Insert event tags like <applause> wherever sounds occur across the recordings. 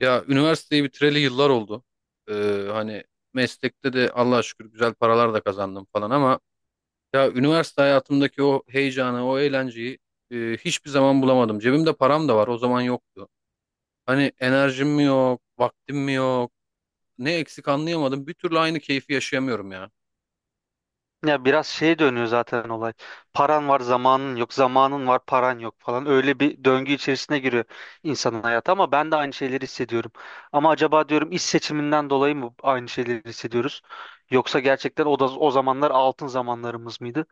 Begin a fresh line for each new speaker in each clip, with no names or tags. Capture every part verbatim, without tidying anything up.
Ya üniversiteyi bitireli yıllar oldu. Ee, hani meslekte de Allah'a şükür güzel paralar da kazandım falan ama ya üniversite hayatımdaki o heyecanı, o eğlenceyi e, hiçbir zaman bulamadım. Cebimde param da var, o zaman yoktu. Hani enerjim mi yok, vaktim mi yok, ne eksik anlayamadım. Bir türlü aynı keyfi yaşayamıyorum ya.
Ya biraz şeye dönüyor zaten olay. Paran var, zamanın yok. Zamanın var, paran yok falan. Öyle bir döngü içerisine giriyor insanın hayatı ama ben de aynı şeyleri hissediyorum. Ama acaba diyorum iş seçiminden dolayı mı aynı şeyleri hissediyoruz? Yoksa gerçekten o da o zamanlar altın zamanlarımız mıydı?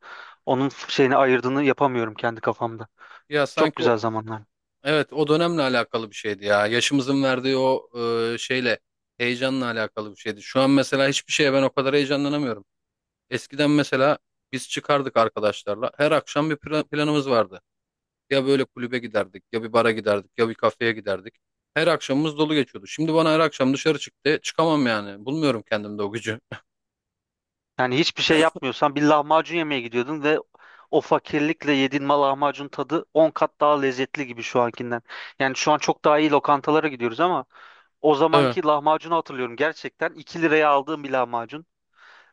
Onun şeyini ayırdığını yapamıyorum kendi kafamda.
Ya
Çok
sanki o,
güzel zamanlar.
evet, o dönemle alakalı bir şeydi ya. Yaşımızın verdiği o e, şeyle, heyecanla alakalı bir şeydi. Şu an mesela hiçbir şeye ben o kadar heyecanlanamıyorum. Eskiden mesela biz çıkardık arkadaşlarla. Her akşam bir plan- planımız vardı. Ya böyle kulübe giderdik, ya bir bara giderdik, ya bir kafeye giderdik. Her akşamımız dolu geçiyordu. Şimdi bana her akşam dışarı çıktı. Çıkamam yani. Bulmuyorum kendimde o gücü.
Yani hiçbir şey yapmıyorsan bir lahmacun yemeye gidiyordun ve o fakirlikle yediğin ma- lahmacun tadı on kat daha lezzetli gibi şu ankinden. Yani şu an çok daha iyi lokantalara gidiyoruz ama o
<laughs> Tabii.
zamanki lahmacunu hatırlıyorum gerçekten. iki liraya aldığım bir lahmacun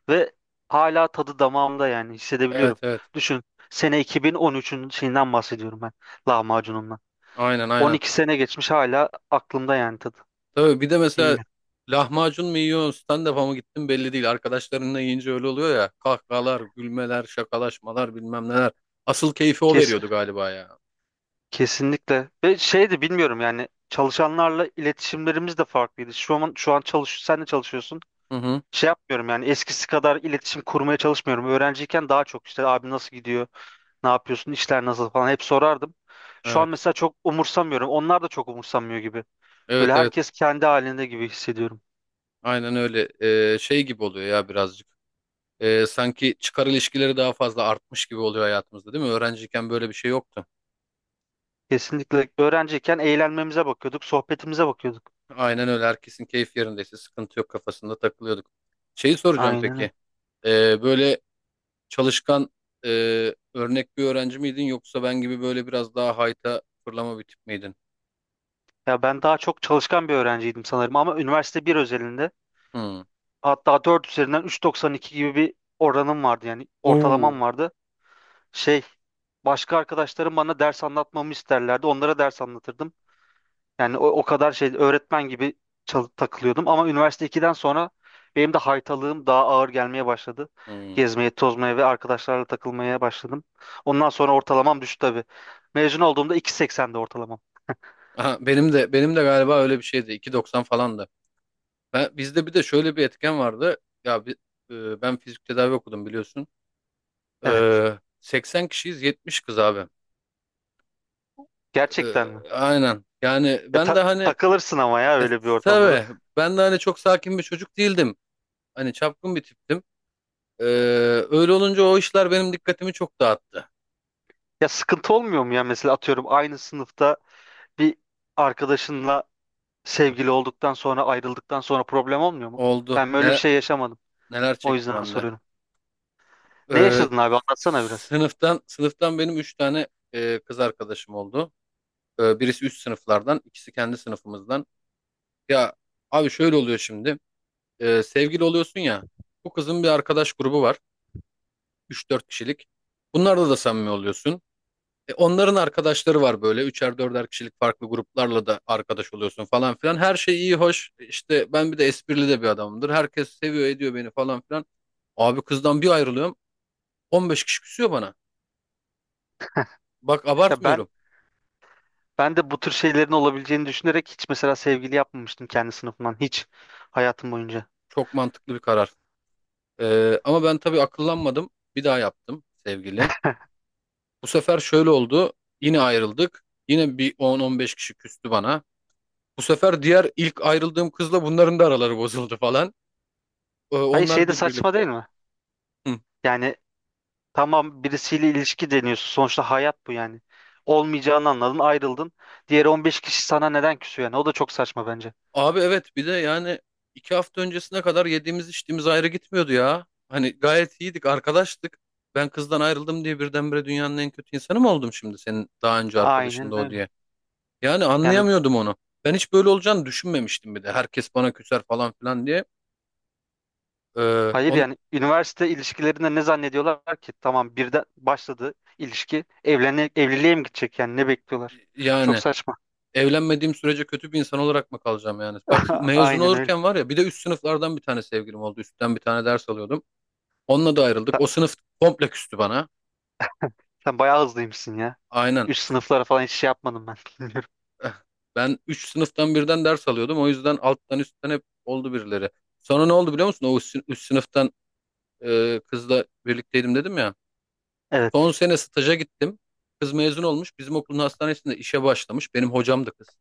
ve hala tadı damağımda yani
Evet,
hissedebiliyorum.
evet.
Düşün, sene iki bin on üçün şeyinden bahsediyorum ben, lahmacunumdan.
Aynen, aynen.
on iki sene geçmiş hala aklımda yani tadı.
Tabii bir de mesela
Bilmiyorum.
lahmacun mu yiyorsun, stand-up'a mı gittin belli değil. Arkadaşlarınla yiyince öyle oluyor ya. Kahkahalar, gülmeler, şakalaşmalar bilmem neler. Asıl keyfi o
Kes,
veriyordu galiba ya.
Kesinlikle. Ve şey de bilmiyorum yani çalışanlarla iletişimlerimiz de farklıydı. Şu an şu an çalış, sen de çalışıyorsun.
Hı hı.
Şey yapmıyorum yani eskisi kadar iletişim kurmaya çalışmıyorum. Öğrenciyken daha çok işte abi nasıl gidiyor? Ne yapıyorsun? İşler nasıl falan hep sorardım. Şu an
Evet.
mesela çok umursamıyorum. Onlar da çok umursamıyor gibi. Böyle
Evet, evet.
herkes kendi halinde gibi hissediyorum.
Aynen öyle. Ee, şey gibi oluyor ya birazcık. Ee, sanki çıkar ilişkileri daha fazla artmış gibi oluyor hayatımızda değil mi? Öğrenciyken böyle bir şey yoktu.
Kesinlikle öğrenciyken eğlenmemize bakıyorduk, sohbetimize bakıyorduk.
Aynen öyle. Herkesin keyif yerindeyse sıkıntı yok kafasında takılıyorduk. Şeyi soracağım
Aynen öyle.
peki. Ee, böyle çalışkan e, örnek bir öğrenci miydin yoksa ben gibi böyle biraz daha hayta fırlama bir tip miydin?
Ya ben daha çok çalışkan bir öğrenciydim sanırım ama üniversite bir özelinde
Hmm.
hatta dört üzerinden üç virgül doksan iki gibi bir oranım vardı yani ortalamam
Oo.
vardı. Şey, başka arkadaşlarım bana ders anlatmamı isterlerdi. Onlara ders anlatırdım. Yani o, o kadar şey öğretmen gibi çal- takılıyordum ama üniversite ikiden sonra benim de haytalığım daha ağır gelmeye başladı.
Hmm.
Gezmeye, tozmaya ve arkadaşlarla takılmaya başladım. Ondan sonra ortalamam düştü tabii. Mezun olduğumda iki seksende ortalamam.
<laughs> Aha, benim de benim de galiba öyle bir şeydi. iki virgül doksan falandı. Ben, bizde bir de şöyle bir etken vardı. Ya bi- e, ben fizik tedavi okudum biliyorsun.
Evet.
Ee, seksen kişiyiz yetmiş kız abi.
Gerçekten mi?
Ee, aynen. Yani
Ya
ben
ta-
de hani
takılırsın ama ya
e,
öyle bir ortamda da.
tabii
<laughs>
ben de hani çok sakin bir çocuk değildim. Hani çapkın bir tiptim. Ee, öyle olunca o işler benim dikkatimi çok dağıttı.
Ya sıkıntı olmuyor mu ya mesela atıyorum aynı sınıfta bir arkadaşınla sevgili olduktan sonra ayrıldıktan sonra problem olmuyor mu?
Oldu.
Ben böyle bir
Ne,
şey yaşamadım.
neler
O
çektim
yüzden
hem de.
soruyorum. Ne
Ee,
yaşadın abi? Anlatsana biraz.
sınıftan sınıftan benim üç tane e, kız arkadaşım oldu. Ee, birisi üst sınıflardan, ikisi kendi sınıfımızdan. Ya abi şöyle oluyor şimdi. Ee, sevgili oluyorsun ya. Bu kızın bir arkadaş grubu var. Üç dört kişilik. Bunlarda da samimi oluyorsun. E, onların arkadaşları var böyle. Üçer dörder kişilik farklı gruplarla da arkadaş oluyorsun falan filan. Her şey iyi hoş. E, İşte ben bir de esprili de bir adamımdır. Herkes seviyor ediyor beni falan filan. Abi kızdan bir ayrılıyorum. On beş kişi küsüyor bana. Bak
Ya ben
abartmıyorum.
ben de bu tür şeylerin olabileceğini düşünerek hiç mesela sevgili yapmamıştım kendi sınıfımdan hiç hayatım boyunca.
Çok mantıklı bir karar. E, ama ben tabii akıllanmadım. Bir daha yaptım sevgili. Bu sefer şöyle oldu. Yine ayrıldık. Yine bir on on beş kişi küstü bana. Bu sefer diğer ilk ayrıldığım kızla bunların da araları bozuldu falan. Ee,
Hayır şey
Onlar
de
birbiriyle.
saçma değil mi?
Hı.
Yani tamam birisiyle ilişki deniyorsun. Sonuçta hayat bu yani. Olmayacağını anladın, ayrıldın. Diğer on beş kişi sana neden küsüyor yani? O da çok saçma bence.
Abi evet, bir de yani iki hafta öncesine kadar yediğimiz içtiğimiz ayrı gitmiyordu ya. Hani gayet iyiydik arkadaştık. Ben kızdan ayrıldım diye birdenbire dünyanın en kötü insanı mı oldum şimdi senin daha önce arkadaşın da
Aynen
o
öyle.
diye. Yani
Yani
anlayamıyordum onu. Ben hiç böyle olacağını düşünmemiştim bir de. Herkes bana küser falan filan diye. Ee,
hayır
on,
yani üniversite ilişkilerinde ne zannediyorlar ki? Tamam birden başladı ilişki. Evlene, evliliğe mi gidecek yani ne bekliyorlar? Çok
yani
saçma.
evlenmediğim sürece kötü bir insan olarak mı kalacağım yani? Bak
<laughs>
mezun
Aynen öyle.
olurken var ya bir de üst sınıflardan bir tane sevgilim oldu. Üstten bir tane ders alıyordum. Onunla da ayrıldık. O sınıf komple küstü bana.
Sen bayağı hızlıymışsın ya.
Aynen.
Üst sınıflara falan hiç şey yapmadım ben. <laughs> Bilmiyorum.
Eh, ben üç sınıftan birden ders alıyordum. O yüzden alttan üstten hep oldu birileri. Sonra ne oldu biliyor musun? O üst, üst sınıftan e, kızla birlikteydim dedim ya. Son
Evet.
sene staja gittim. Kız mezun olmuş. Bizim okulun hastanesinde işe başlamış. Benim hocam da kız.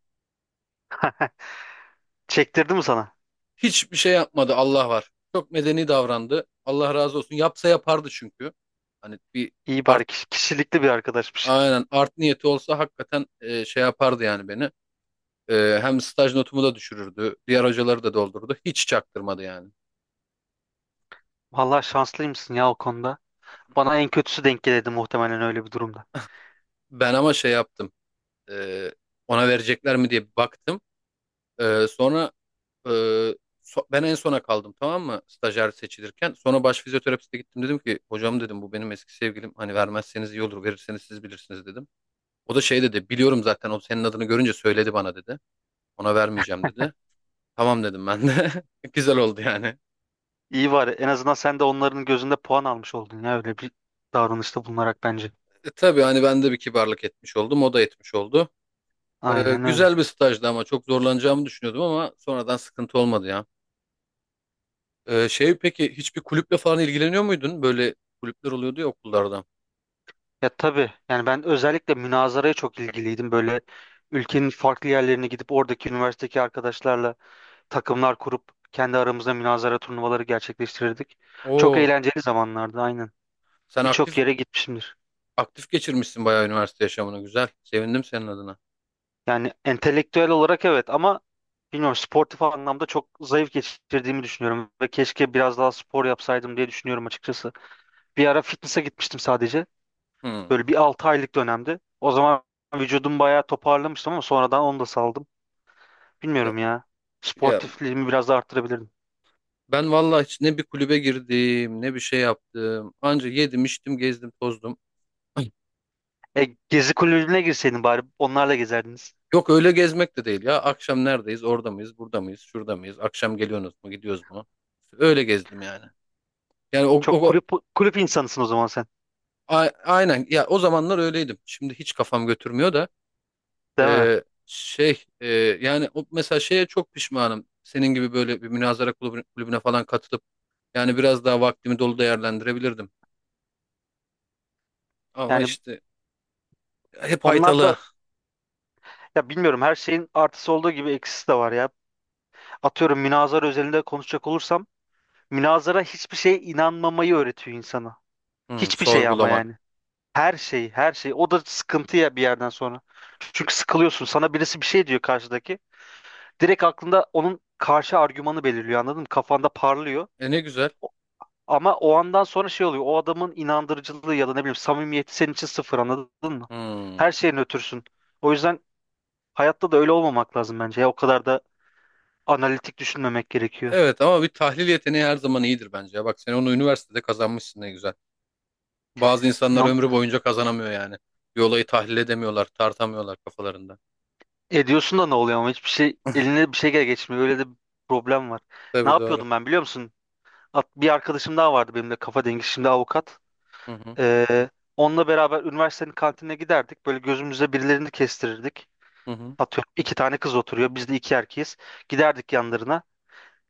Çektirdi mi sana?
Hiçbir şey yapmadı Allah var. Çok medeni davrandı. Allah razı olsun. Yapsa yapardı çünkü. Hani bir
İyi
art
bari kiş- kişilikli bir arkadaşmış.
aynen, art niyeti olsa hakikaten e, şey yapardı yani beni. E, hem staj notumu da düşürürdü. Diğer hocaları da doldurdu. Hiç çaktırmadı yani.
Vallahi şanslıymışsın ya o konuda. Bana en kötüsü denk gelirdi muhtemelen öyle bir durumda.
Ben ama şey yaptım. Ee, ona verecekler mi diye bir baktım. Ee, sonra e, so- ben en sona kaldım tamam mı? Stajyer seçilirken. Sonra baş fizyoterapiste gittim dedim ki hocam dedim bu benim eski sevgilim. Hani vermezseniz iyi olur. Verirseniz siz bilirsiniz dedim. O da şey dedi biliyorum zaten o senin adını görünce söyledi bana dedi. Ona vermeyeceğim dedi. Tamam dedim ben de. <laughs> Güzel oldu yani.
İyi var. En azından sen de onların gözünde puan almış oldun ya öyle bir davranışta bulunarak bence.
E, tabii hani ben de bir kibarlık etmiş oldum. O da etmiş oldu. Ee,
Aynen öyle.
güzel bir stajdı ama çok zorlanacağımı düşünüyordum ama sonradan sıkıntı olmadı ya. Ee, şey peki hiçbir kulüple falan ilgileniyor muydun? Böyle kulüpler oluyordu ya okullarda.
Ya tabii yani ben özellikle münazaraya çok ilgiliydim. Böyle ülkenin farklı yerlerine gidip oradaki üniversitedeki arkadaşlarla takımlar kurup kendi aramızda münazara turnuvaları gerçekleştirirdik. Çok
Oo,
eğlenceli zamanlardı aynen.
sen
Birçok
aktif
yere gitmişimdir.
aktif geçirmişsin bayağı üniversite yaşamını. Güzel. Sevindim senin adına.
Yani entelektüel olarak evet ama bilmiyorum sportif anlamda çok zayıf geçirdiğimi düşünüyorum ve keşke biraz daha spor yapsaydım diye düşünüyorum açıkçası. Bir ara fitness'a gitmiştim sadece.
Hmm.
Böyle bir altı aylık dönemdi. O zaman vücudum bayağı toparlamıştım ama sonradan onu da saldım.
Ya,
Bilmiyorum ya.
ya
Sportifliğimi biraz da arttırabilirdim.
ben vallahi hiç ne bir kulübe girdim, ne bir şey yaptım. Anca yedim, içtim, gezdim, tozdum. <clears throat> Ay.
E, gezi kulübüne girseydin bari onlarla gezerdiniz.
Yok öyle gezmek de değil ya. Akşam neredeyiz? Orada mıyız? Burada mıyız? Şurada mıyız? Akşam geliyorsunuz mu? Gidiyoruz mu? Öyle gezdim yani. Yani o,
Çok
o, o-
kulüp kulüp insanısın o zaman sen.
a- aynen ya o zamanlar öyleydim. Şimdi hiç kafam götürmüyor da.
Değil mi?
Ee, şey e, yani o, mesela şeye çok pişmanım. Senin gibi böyle bir münazara kulübü- kulübüne, falan katılıp yani biraz daha vaktimi dolu değerlendirebilirdim. Ama
Yani
işte hep
onlar
haytalı.
da, ya bilmiyorum her şeyin artısı olduğu gibi eksisi de var ya. Atıyorum münazara özelinde konuşacak olursam münazara hiçbir şeye inanmamayı öğretiyor insana.
Hmm,
Hiçbir şey ama
sorgulamak.
yani. Her şey, her şey. O da sıkıntı ya bir yerden sonra. Çünkü sıkılıyorsun. Sana birisi bir şey diyor karşıdaki. Direkt aklında onun karşı argümanı belirliyor anladın mı? Kafanda parlıyor.
E ne güzel.
Ama o andan sonra şey oluyor. O adamın inandırıcılığı ya da ne bileyim samimiyeti senin için sıfır anladın mı?
Hmm.
Her şeyin ötürsün. O yüzden hayatta da öyle olmamak lazım bence. Ya, o kadar da analitik düşünmemek gerekiyor.
Evet ama bir tahlil yeteneği her zaman iyidir bence ya. Bak sen onu üniversitede kazanmışsın ne güzel. Bazı insanlar
İnan
ömrü boyunca kazanamıyor yani. Bir olayı tahlil edemiyorlar, tartamıyorlar kafalarında.
ediyorsun da ne oluyor ama hiçbir şey eline bir şey gel geçmiyor. Öyle de bir problem var. Ne
Tabii doğru.
yapıyordum ben biliyor musun? At- Bir arkadaşım daha vardı benim de kafa dengi, şimdi avukat.
Hı hı
Ee, Onunla beraber üniversitenin kantinine giderdik. Böyle gözümüze birilerini kestirirdik.
hı hı
Atıyorum iki tane kız oturuyor. Biz de iki erkeğiz. Giderdik yanlarına.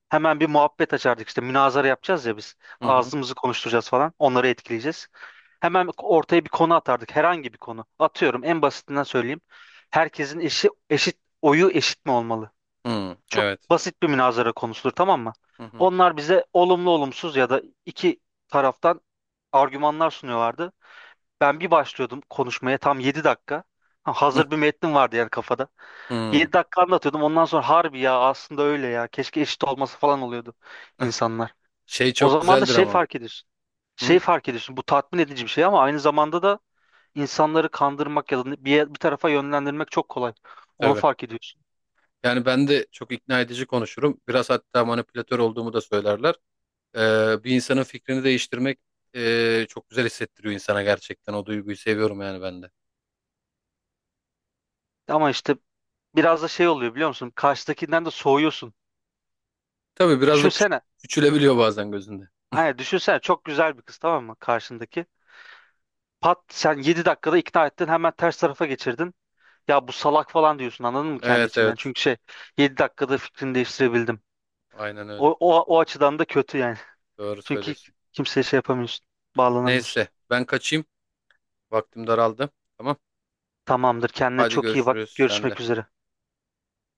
Hemen bir muhabbet açardık, işte münazara yapacağız ya biz.
hı hı.
Ağzımızı konuşturacağız falan. Onları etkileyeceğiz. Hemen ortaya bir konu atardık. Herhangi bir konu. Atıyorum en basitinden söyleyeyim. Herkesin eşi eşit, oyu eşit mi olmalı?
Hı,
Çok
evet.
basit bir münazara konusudur tamam mı?
Hı hı.
Onlar bize olumlu olumsuz ya da iki taraftan argümanlar sunuyorlardı. Ben bir başlıyordum konuşmaya tam yedi dakika. Ha,
Hı
hazır bir metnim vardı yani kafada.
hı.
Yedi dakika anlatıyordum. Ondan sonra harbi ya aslında öyle ya. Keşke eşit olması falan oluyordu insanlar.
Şey
O
çok
zaman da
güzeldir
şey
ama.
fark ediyorsun. Şey
Hı?
fark ediyorsun. Bu tatmin edici bir şey ama aynı zamanda da insanları kandırmak ya da bir, yer- bir tarafa yönlendirmek çok kolay. Onu
Tabii.
fark ediyorsun.
Yani ben de çok ikna edici konuşurum. Biraz hatta manipülatör olduğumu da söylerler. Ee, bir insanın fikrini değiştirmek ee, çok güzel hissettiriyor insana gerçekten. O duyguyu seviyorum yani ben de.
Ama işte biraz da şey oluyor biliyor musun? Karşıdakinden de soğuyorsun.
Tabii biraz da küç-
Düşünsene.
küçülebiliyor bazen gözünde.
Aynen düşünsene, çok güzel bir kız tamam mı karşındaki. Pat sen yedi dakikada ikna ettin, hemen ters tarafa geçirdin. Ya bu salak falan diyorsun anladın mı kendi
Evet,
içinden?
evet.
Çünkü şey, yedi dakikada fikrini değiştirebildim.
Aynen öyle.
O, o, o açıdan da kötü yani.
Doğru
<laughs> Çünkü
söylüyorsun.
kimseye şey yapamıyorsun. Bağlanamıyorsun.
Neyse ben kaçayım. Vaktim daraldı. Tamam.
Tamamdır. Kendine
Hadi
çok iyi bak.
görüşürüz. Sen de.
Görüşmek üzere.